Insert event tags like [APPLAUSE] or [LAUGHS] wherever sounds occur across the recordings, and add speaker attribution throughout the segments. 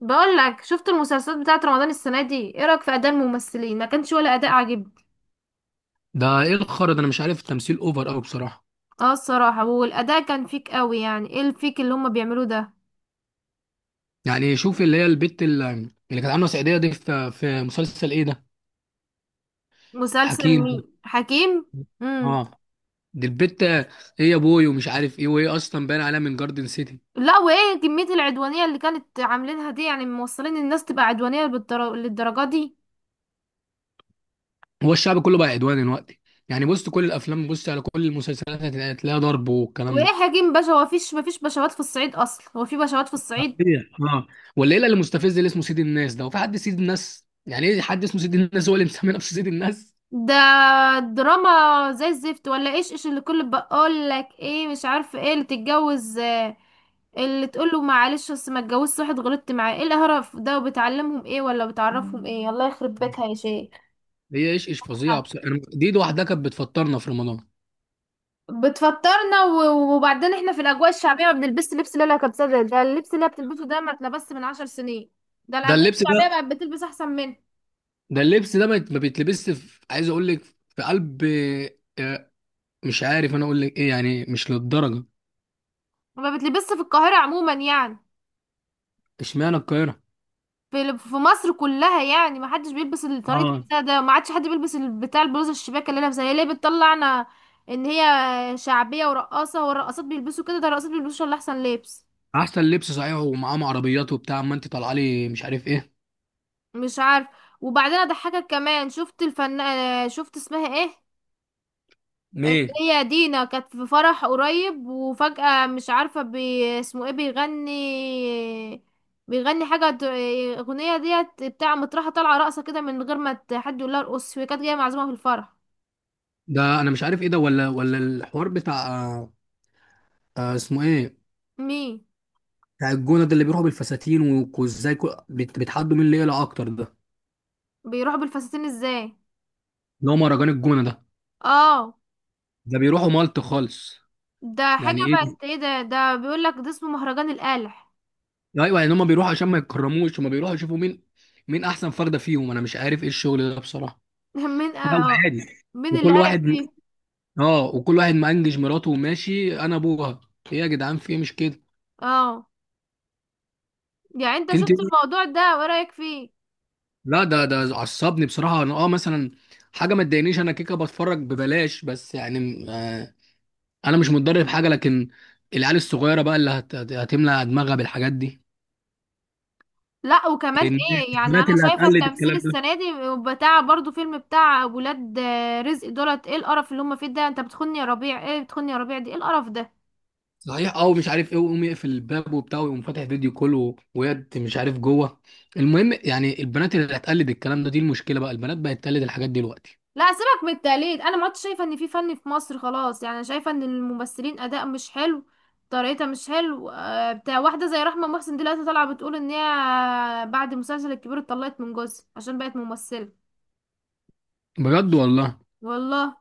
Speaker 1: بقول لك، شفت المسلسلات بتاعت رمضان السنه دي؟ ايه رايك في اداء الممثلين؟ ما كانش ولا اداء عاجبني.
Speaker 2: ده ايه الخرا ده؟ انا مش عارف، التمثيل اوفر قوي بصراحه.
Speaker 1: اه، الصراحه والاداء كان فيك قوي، يعني ايه الفيك اللي هما بيعملوه ده؟
Speaker 2: يعني شوف اللي هي البت اللي كانت عامله سعيديه دي في مسلسل ايه ده.
Speaker 1: مسلسل
Speaker 2: حكيم ده.
Speaker 1: مين؟ حكيم. امم.
Speaker 2: اه، دي البت ايه؟ يا بوي ومش عارف ايه، وهي اصلا باين عليها من جاردن سيتي.
Speaker 1: لا، وايه كميه العدوانيه اللي كانت عاملينها دي؟ يعني موصلين الناس تبقى عدوانيه للدرجه دي.
Speaker 2: هو الشعب كله بقى عدواني دلوقتي. يعني بص كل الافلام، بص على كل المسلسلات هتلاقيها ضرب والكلام
Speaker 1: وايه
Speaker 2: ده.
Speaker 1: حكيم باشا، هو مفيش بشوات في الصعيد اصلا؟ هو في بشوات في الصعيد؟
Speaker 2: صحيح اه. والليله اللي مستفز اللي اسمه سيد الناس ده، وفي حد سيد الناس؟ يعني ايه حد اسمه سيد الناس؟ هو اللي مسمي نفسه سيد الناس.
Speaker 1: ده دراما زي الزفت. ولا ايش اللي كل بقول لك ايه، مش عارفه ايه اللي تتجوز اللي تقول له معلش بس ما اتجوزت واحد غلطت معاه. ايه القرف ده؟ وبتعلمهم ايه ولا بتعرفهم ايه؟ الله يخرب بيتها يا
Speaker 2: [LAUGHS]
Speaker 1: شيخ.
Speaker 2: هي ايش ايش فظيعه بصراحه، دي لوحدها كانت بتفطرنا في رمضان.
Speaker 1: بتفطرنا وبعدين احنا في الاجواء الشعبيه ما بنلبسش لبس. لا لا، كبسه ده اللبس اللي هي بتلبسه ده، ما اتلبس من 10 سنين. ده
Speaker 2: ده
Speaker 1: الاجواء
Speaker 2: اللبس ده،
Speaker 1: الشعبيه بقت بتلبس احسن منه.
Speaker 2: ده اللبس ده ما بيتلبسش في، عايز اقول لك في قلب، آه، مش عارف انا اقول لك ايه، يعني مش للدرجه.
Speaker 1: وما بتلبسش في القاهره عموما يعني،
Speaker 2: اشمعنى القاهره؟
Speaker 1: في مصر كلها يعني. ما حدش بيلبس طريقة
Speaker 2: اه.
Speaker 1: لبسها ده. ما عادش حد بيلبس بتاع البلوزة الشباك اللي لابسها، هي ليه بتطلعنا ان هي شعبية ورقاصة؟ والرقاصات بيلبسوا كده، ده الرقاصات بيلبسوا اللي احسن لبس.
Speaker 2: احسن لبس، صحيح، ومعاهم عربيات وبتاع، اما انت طالعه لي مش عارف ايه.
Speaker 1: مش عارف. وبعدين اضحكك كمان، شفت الفن؟ شفت اسمها ايه، اللي
Speaker 2: ليه؟
Speaker 1: هي دينا، كانت في فرح قريب، وفجأة مش عارفة اسمه ايه بيغني. بيغني حاجة اغنية ديت، بتاع مطرحة طالعة رقصة كده من غير ما حد يقول لها ارقص، هي كانت جاية معزومة في الفرح.
Speaker 2: ده انا مش عارف ايه ده، ولا الحوار بتاع. اسمه ايه؟
Speaker 1: مين
Speaker 2: بتاع الجونه ده، اللي بيروحوا بالفساتين، وازاي بيتحدوا مين اللي يقلع اكتر ده،
Speaker 1: بيروح بالفساتين ازاي؟
Speaker 2: اللي هو مهرجان الجونه ده.
Speaker 1: اه.
Speaker 2: ده بيروحوا مالط خالص.
Speaker 1: ده حاجة
Speaker 2: يعني ايه؟
Speaker 1: بقت ايه ده بيقولك ده اسمه مهرجان القالح.
Speaker 2: ايوه، يعني هم بيروحوا عشان ما يتكرموش، هم بيروحوا يشوفوا مين، مين احسن فرده فيهم. انا مش عارف ايه الشغل ده بصراحه.
Speaker 1: [LAUGHS] مين؟
Speaker 2: لا هو
Speaker 1: اه.
Speaker 2: عادي.
Speaker 1: مين اللي
Speaker 2: وكل
Speaker 1: قالح
Speaker 2: واحد
Speaker 1: فيه؟
Speaker 2: اه وكل واحد مأنجج مراته وماشي انا ابوها. ايه يا جدعان؟ في ايه؟ مش كده؟
Speaker 1: اه، يعني انت
Speaker 2: انت،
Speaker 1: شفت الموضوع ده وايه رأيك فيه؟
Speaker 2: لا ده عصبني بصراحه، انا مثلا حاجه ما تضايقنيش. انا كيكه بتفرج ببلاش، بس يعني، انا مش متضرر في حاجه، لكن العيال الصغيره بقى اللي هتملى دماغها بالحاجات دي.
Speaker 1: لا، وكمان ايه؟ يعني انا
Speaker 2: البنات اللي
Speaker 1: شايفة
Speaker 2: هتقلد
Speaker 1: التمثيل
Speaker 2: الكلام ده.
Speaker 1: السنة دي بتاع برضو فيلم بتاع ولاد رزق دولت. ايه القرف اللي هم فيه ده؟ انت بتخوني يا ربيع، ايه بتخوني يا ربيع؟ دي ايه القرف ده؟
Speaker 2: صحيح اه، ومش عارف ايه، ويقوم يقفل الباب وبتاع، ويقوم فاتح فيديو كول ويد مش عارف جوه. المهم يعني البنات اللي هتقلد الكلام ده، دي المشكله بقى، البنات بقت تقلد الحاجات دي دلوقتي.
Speaker 1: لا سيبك من التقليد، انا ما عدتش شايفه ان في فن في مصر خلاص. يعني انا شايفه ان الممثلين اداء مش حلو، طريقتها مش حلو. بتاع واحده زي رحمه محسن دلوقتي طالعه بتقول ان هي بعد مسلسل الكبير اتطلقت من جوزها عشان بقت ممثله.
Speaker 2: بجد والله؟
Speaker 1: والله؟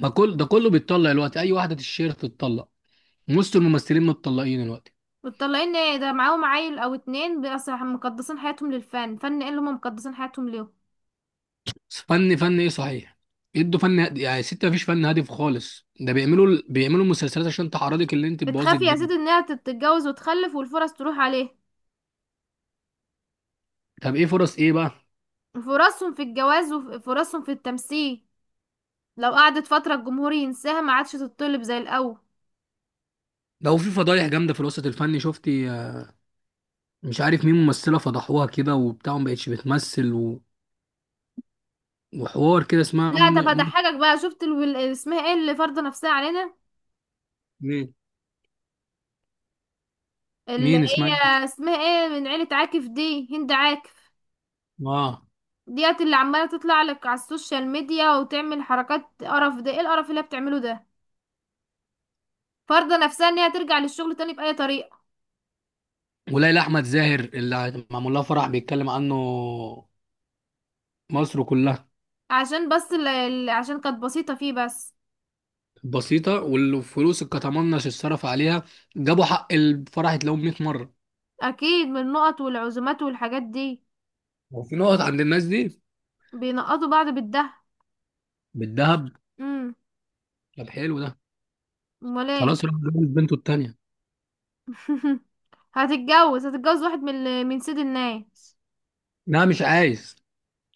Speaker 2: ما كل ده كله بيتطلق دلوقتي، اي واحده تشير تتطلق، نص الممثلين متطلقين دلوقتي.
Speaker 1: متطلقين ايه ده، معاهم عيل او اتنين؟ بس مقدسين حياتهم للفن. فن ايه اللي هم مقدسين حياتهم ليه؟
Speaker 2: فن فن ايه صحيح؟ يدوا فن هادي. يعني ست مفيش فن هادف خالص. ده بيعملوا بيعملوا مسلسلات عشان تعرضك، اللي انت تبوظي
Speaker 1: بتخاف يا
Speaker 2: الدنيا.
Speaker 1: سيدي انها تتجوز وتخلف والفرص تروح عليه.
Speaker 2: طب ايه فرص ايه بقى؟
Speaker 1: فرصهم في الجواز وفرصهم في التمثيل، لو قعدت فترة الجمهور ينساها، ما عادش تتطلب زي الأول.
Speaker 2: ده هو في فضايح جامده في الوسط الفني، شفتي؟ مش عارف مين ممثلة فضحوها كده وبتاع، ما بقتش بتمثل وحوار كده، اسمها
Speaker 1: لا، طب
Speaker 2: منى.
Speaker 1: هضحكك بقى. شفت اسمها ايه، اللي فارضه نفسها علينا؟
Speaker 2: مين؟
Speaker 1: اللي
Speaker 2: مين اسمها إيه؟
Speaker 1: هي اسمها ايه، من عيلة عاكف دي، هند عاكف.
Speaker 2: اه.
Speaker 1: ديت اللي عمالة تطلع لك على السوشيال ميديا وتعمل حركات قرف. ده ايه القرف اللي هي بتعمله ده؟ فارضه نفسها ان هي ترجع للشغل تاني بأي طريقة.
Speaker 2: وليلى احمد زاهر اللي معمول لها فرح بيتكلم عنه مصر كلها.
Speaker 1: عشان بس عشان كانت بسيطة فيه بس.
Speaker 2: بسيطة، والفلوس اللي كتمنش اتصرف عليها جابوا حق الفرح يتلاقوه 100 مرة.
Speaker 1: اكيد من النقط والعزومات والحاجات دي،
Speaker 2: هو في نقط عند الناس دي؟
Speaker 1: بينقطوا بعض بالده.
Speaker 2: بالذهب.
Speaker 1: امم.
Speaker 2: طب حلو ده.
Speaker 1: امال ايه؟
Speaker 2: خلاص راح جوز بنته التانية.
Speaker 1: [LAUGHS] هتتجوز، هتتجوز واحد من من سيد الناس.
Speaker 2: لا مش عايز.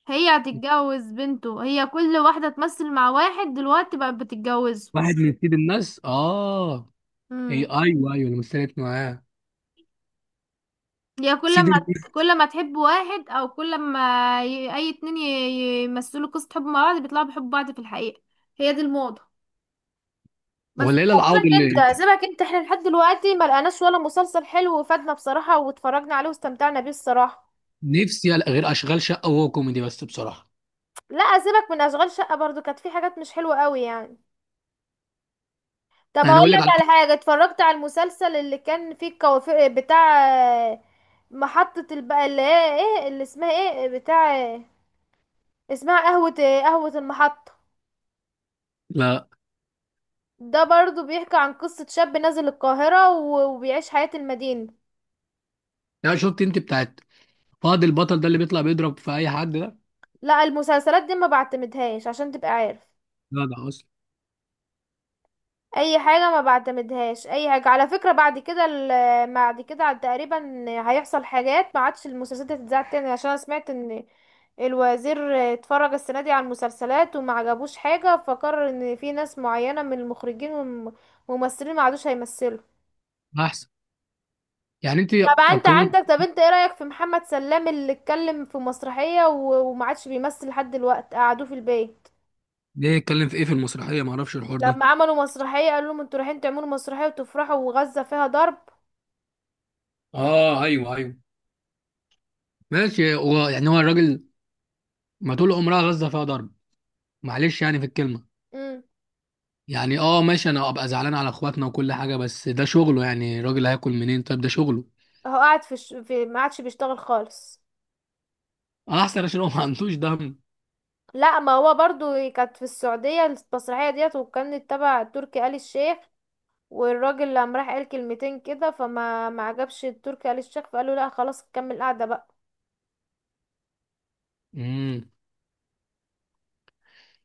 Speaker 1: هي هتتجوز بنته. هي كل واحدة تمثل مع واحد دلوقتي بقت بتتجوزه.
Speaker 2: واحد من سيد الناس، اه. هي،
Speaker 1: امم.
Speaker 2: ايوه، ايوه اللي مثلت معاه.
Speaker 1: هي كل
Speaker 2: سيد.
Speaker 1: ما كل ما تحب واحد، او كل ما اي اتنين يمثلوا قصة حب مع بعض، بيطلعوا بيحبوا بعض في الحقيقة. هي دي الموضة. بس
Speaker 2: والليله العوض
Speaker 1: سيبك
Speaker 2: اللي،
Speaker 1: انت، سيبك انت، احنا لحد دلوقتي ما لقناش ولا مسلسل حلو وفادنا بصراحة واتفرجنا عليه واستمتعنا بيه الصراحة.
Speaker 2: نفسي ألاقي غير اشغال شقه، وهو كوميدي بس بصراحه.
Speaker 1: لا سيبك من اشغال شقة، برضو كانت في حاجات مش حلوة قوي يعني. طب
Speaker 2: يعني
Speaker 1: هقول
Speaker 2: اقول لك
Speaker 1: لك
Speaker 2: على،
Speaker 1: على حاجة، اتفرجت على المسلسل اللي كان فيه الكوافير بتاع آه، محطة البقى، اللي هي ايه اللي اسمها ايه، بتاع اسمها قهوة، قهوة المحطة؟
Speaker 2: لا، لا.
Speaker 1: ده برضو بيحكي عن قصة شاب نازل القاهرة وبيعيش حياة المدينة.
Speaker 2: يعني شفت انت بتاعت، فاضل البطل ده اللي بيطلع بيضرب في اي حد ده؟
Speaker 1: لا، المسلسلات دي ما بعتمدهاش عشان تبقى عارف،
Speaker 2: لا ده اصلا.
Speaker 1: اي حاجه ما بعتمدهاش اي حاجه. على فكره بعد كده بعد كده عاد تقريبا هيحصل حاجات، ما عادش المسلسلات دي هتتذاع تاني. عشان انا سمعت ان الوزير اتفرج السنه دي على المسلسلات وما عجبوش حاجه، فقرر ان في ناس معينه من المخرجين والممثلين ما عادوش هيمثلوا.
Speaker 2: احسن. يعني انت
Speaker 1: طب انت
Speaker 2: هتقيمه،
Speaker 1: عندك، طب انت ايه رايك في محمد سلام اللي اتكلم في مسرحيه وما عادش بيمثل لحد دلوقتي، قعدوه في البيت؟
Speaker 2: ليه؟ يتكلم في ايه في المسرحيه؟ ما اعرفش الحوار ده.
Speaker 1: لما عملوا مسرحيه قالوا لهم انتوا رايحين تعملوا مسرحيه وتفرحوا، وغزه فيها ضرب.
Speaker 2: اه ايوه، ايوه ماشي. هو الراجل، ما طول عمرها غزه فيها ضرب، معلش يعني في الكلمه. يعني اه ماشي، انا ابقى زعلان على اخواتنا وكل حاجه، بس ده شغله، يعني الراجل هياكل منين؟ طيب ده شغله.
Speaker 1: هو قاعد في، في، ما عادش بيشتغل خالص.
Speaker 2: احسن، عشان هو ما عندوش دم.
Speaker 1: لا، ما هو برضو كانت في السعودية المسرحية ديت، وكانت تبع تركي آل الشيخ، والراجل لما راح قال كلمتين كده، فما ما عجبش تركي آل الشيخ، فقال له لا خلاص كمل قاعدة بقى.
Speaker 2: امم.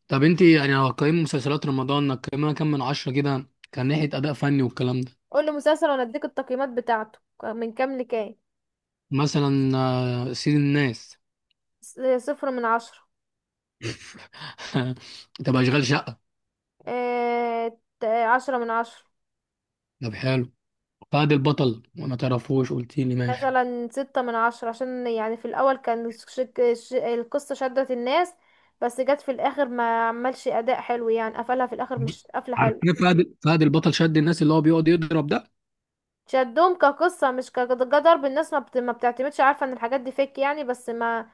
Speaker 2: طب انت يعني لو هتقيمي مسلسلات رمضان هتقيمها كام من عشرة كده، كان ناحية أداء فني والكلام ده؟
Speaker 1: قول لي مسلسل وانا اديك التقييمات بتاعته من كام لكام.
Speaker 2: مثلا سيد الناس.
Speaker 1: س- 0 من 10.
Speaker 2: [LAUGHS] طب أشغال شقة.
Speaker 1: 10 من 10.
Speaker 2: طب حلو. فهد البطل ما تعرفوش، قلت لي ماشي.
Speaker 1: مثلا 6 من 10، عشان يعني في الأول كان القصة شدت الناس، بس جت في الآخر ما عملش أداء حلو، يعني قفلها في الآخر مش قفلة حلو.
Speaker 2: عارفين فهد البطل شد الناس، اللي هو بيقعد يضرب ده.
Speaker 1: شدهم كقصة مش كضرب الناس، ما بتعتمدش، عارفة ان الحاجات دي فيك يعني. بس ما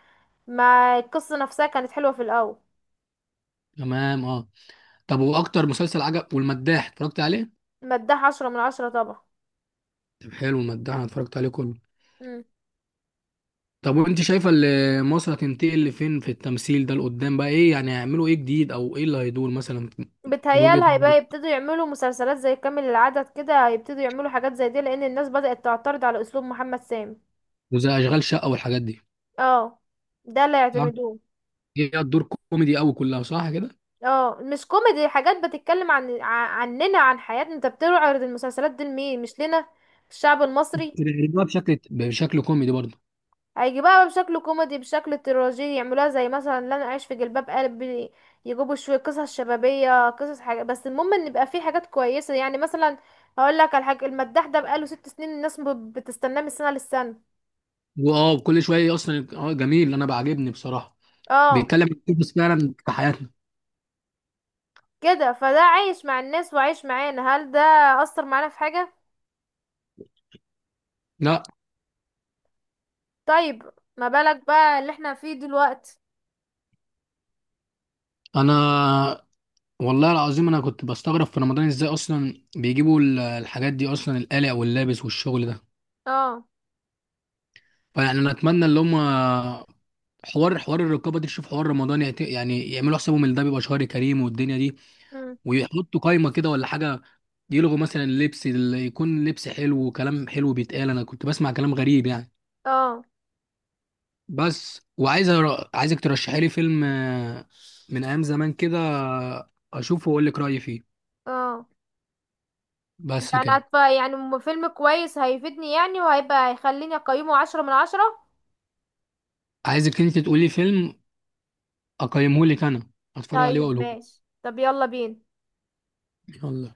Speaker 1: ما القصة نفسها كانت حلوة في الأول.
Speaker 2: تمام اه. طب واكتر مسلسل عجب؟ والمداح اتفرجت عليه؟
Speaker 1: مداها 10 من 10 طبعا.
Speaker 2: طب حلو، المداح انا اتفرجت عليه كله.
Speaker 1: مم.
Speaker 2: طب وانت شايفه اللي مصر هتنتقل لفين في التمثيل ده لقدام بقى، ايه يعني هيعملوا ايه جديد، او ايه اللي هيدور مثلا؟ من
Speaker 1: بتهيال
Speaker 2: وجهة،
Speaker 1: هيبقى يبتدوا يعملوا مسلسلات زي كامل العدد كده، هيبتدوا يعملوا حاجات زي دي، لأن الناس بدأت تعترض على أسلوب محمد سامي.
Speaker 2: وزي اشغال شقه والحاجات دي.
Speaker 1: اه، ده اللي
Speaker 2: صح؟
Speaker 1: يعتمدوه.
Speaker 2: هي الدور كوميدي قوي كلها، صح كده؟
Speaker 1: اه مش كوميدي، حاجات بتتكلم عننا، عن حياتنا. انت بتعرض المسلسلات دي لمين؟ مش لنا، الشعب المصري.
Speaker 2: بتقلبها بشكل كوميدي برضه.
Speaker 1: هيجي بقى بشكل كوميدي بشكل تراجيدي، يعملوها زي مثلا لا انا عايش في جلباب قلبي، يجيبوا شويه قصص شبابيه، قصص حاجه، بس المهم ان يبقى في حاجات كويسه. يعني مثلا هقول لك على حاجه، المداح ده بقاله 6 سنين الناس بتستناه من سنه للسنه.
Speaker 2: واه كل شويه اصلا، اه جميل، انا بعجبني بصراحه،
Speaker 1: اه
Speaker 2: بيتكلم عن قصص فعلا في حياتنا.
Speaker 1: كده، فده عايش مع الناس وعايش معانا. هل ده اثر معانا في حاجه؟
Speaker 2: لا.
Speaker 1: طيب، ما بالك بقى اللي احنا فيه دلوقتي.
Speaker 2: انا والله العظيم انا كنت بستغرب في رمضان، ازاي اصلا بيجيبوا الحاجات دي اصلا، القلق واللابس والشغل ده.
Speaker 1: اه.
Speaker 2: فيعني انا اتمنى اللي هم، حوار الرقابه دي تشوف حوار رمضان، يعني يعملوا حسابهم ان ده بيبقى شهر كريم والدنيا دي، ويحطوا قايمه كده ولا حاجه، يلغوا مثلا اللبس، اللي يكون لبس حلو وكلام حلو بيتقال. انا كنت بسمع كلام غريب يعني.
Speaker 1: اه.
Speaker 2: بس، وعايز عايزك ترشحي لي فيلم من ايام زمان كده، اشوفه واقول لك رايي فيه.
Speaker 1: اه،
Speaker 2: بس
Speaker 1: يعني
Speaker 2: كده.
Speaker 1: يعني فيلم كويس هيفيدني يعني، وهيبقى هيخليني اقيمه 10 من 10.
Speaker 2: عايزك انت تقولي فيلم اقيمه لك انا، اتفرج عليه
Speaker 1: طيب
Speaker 2: واقوله لك.
Speaker 1: ماشي، طب يلا بينا.
Speaker 2: يلا.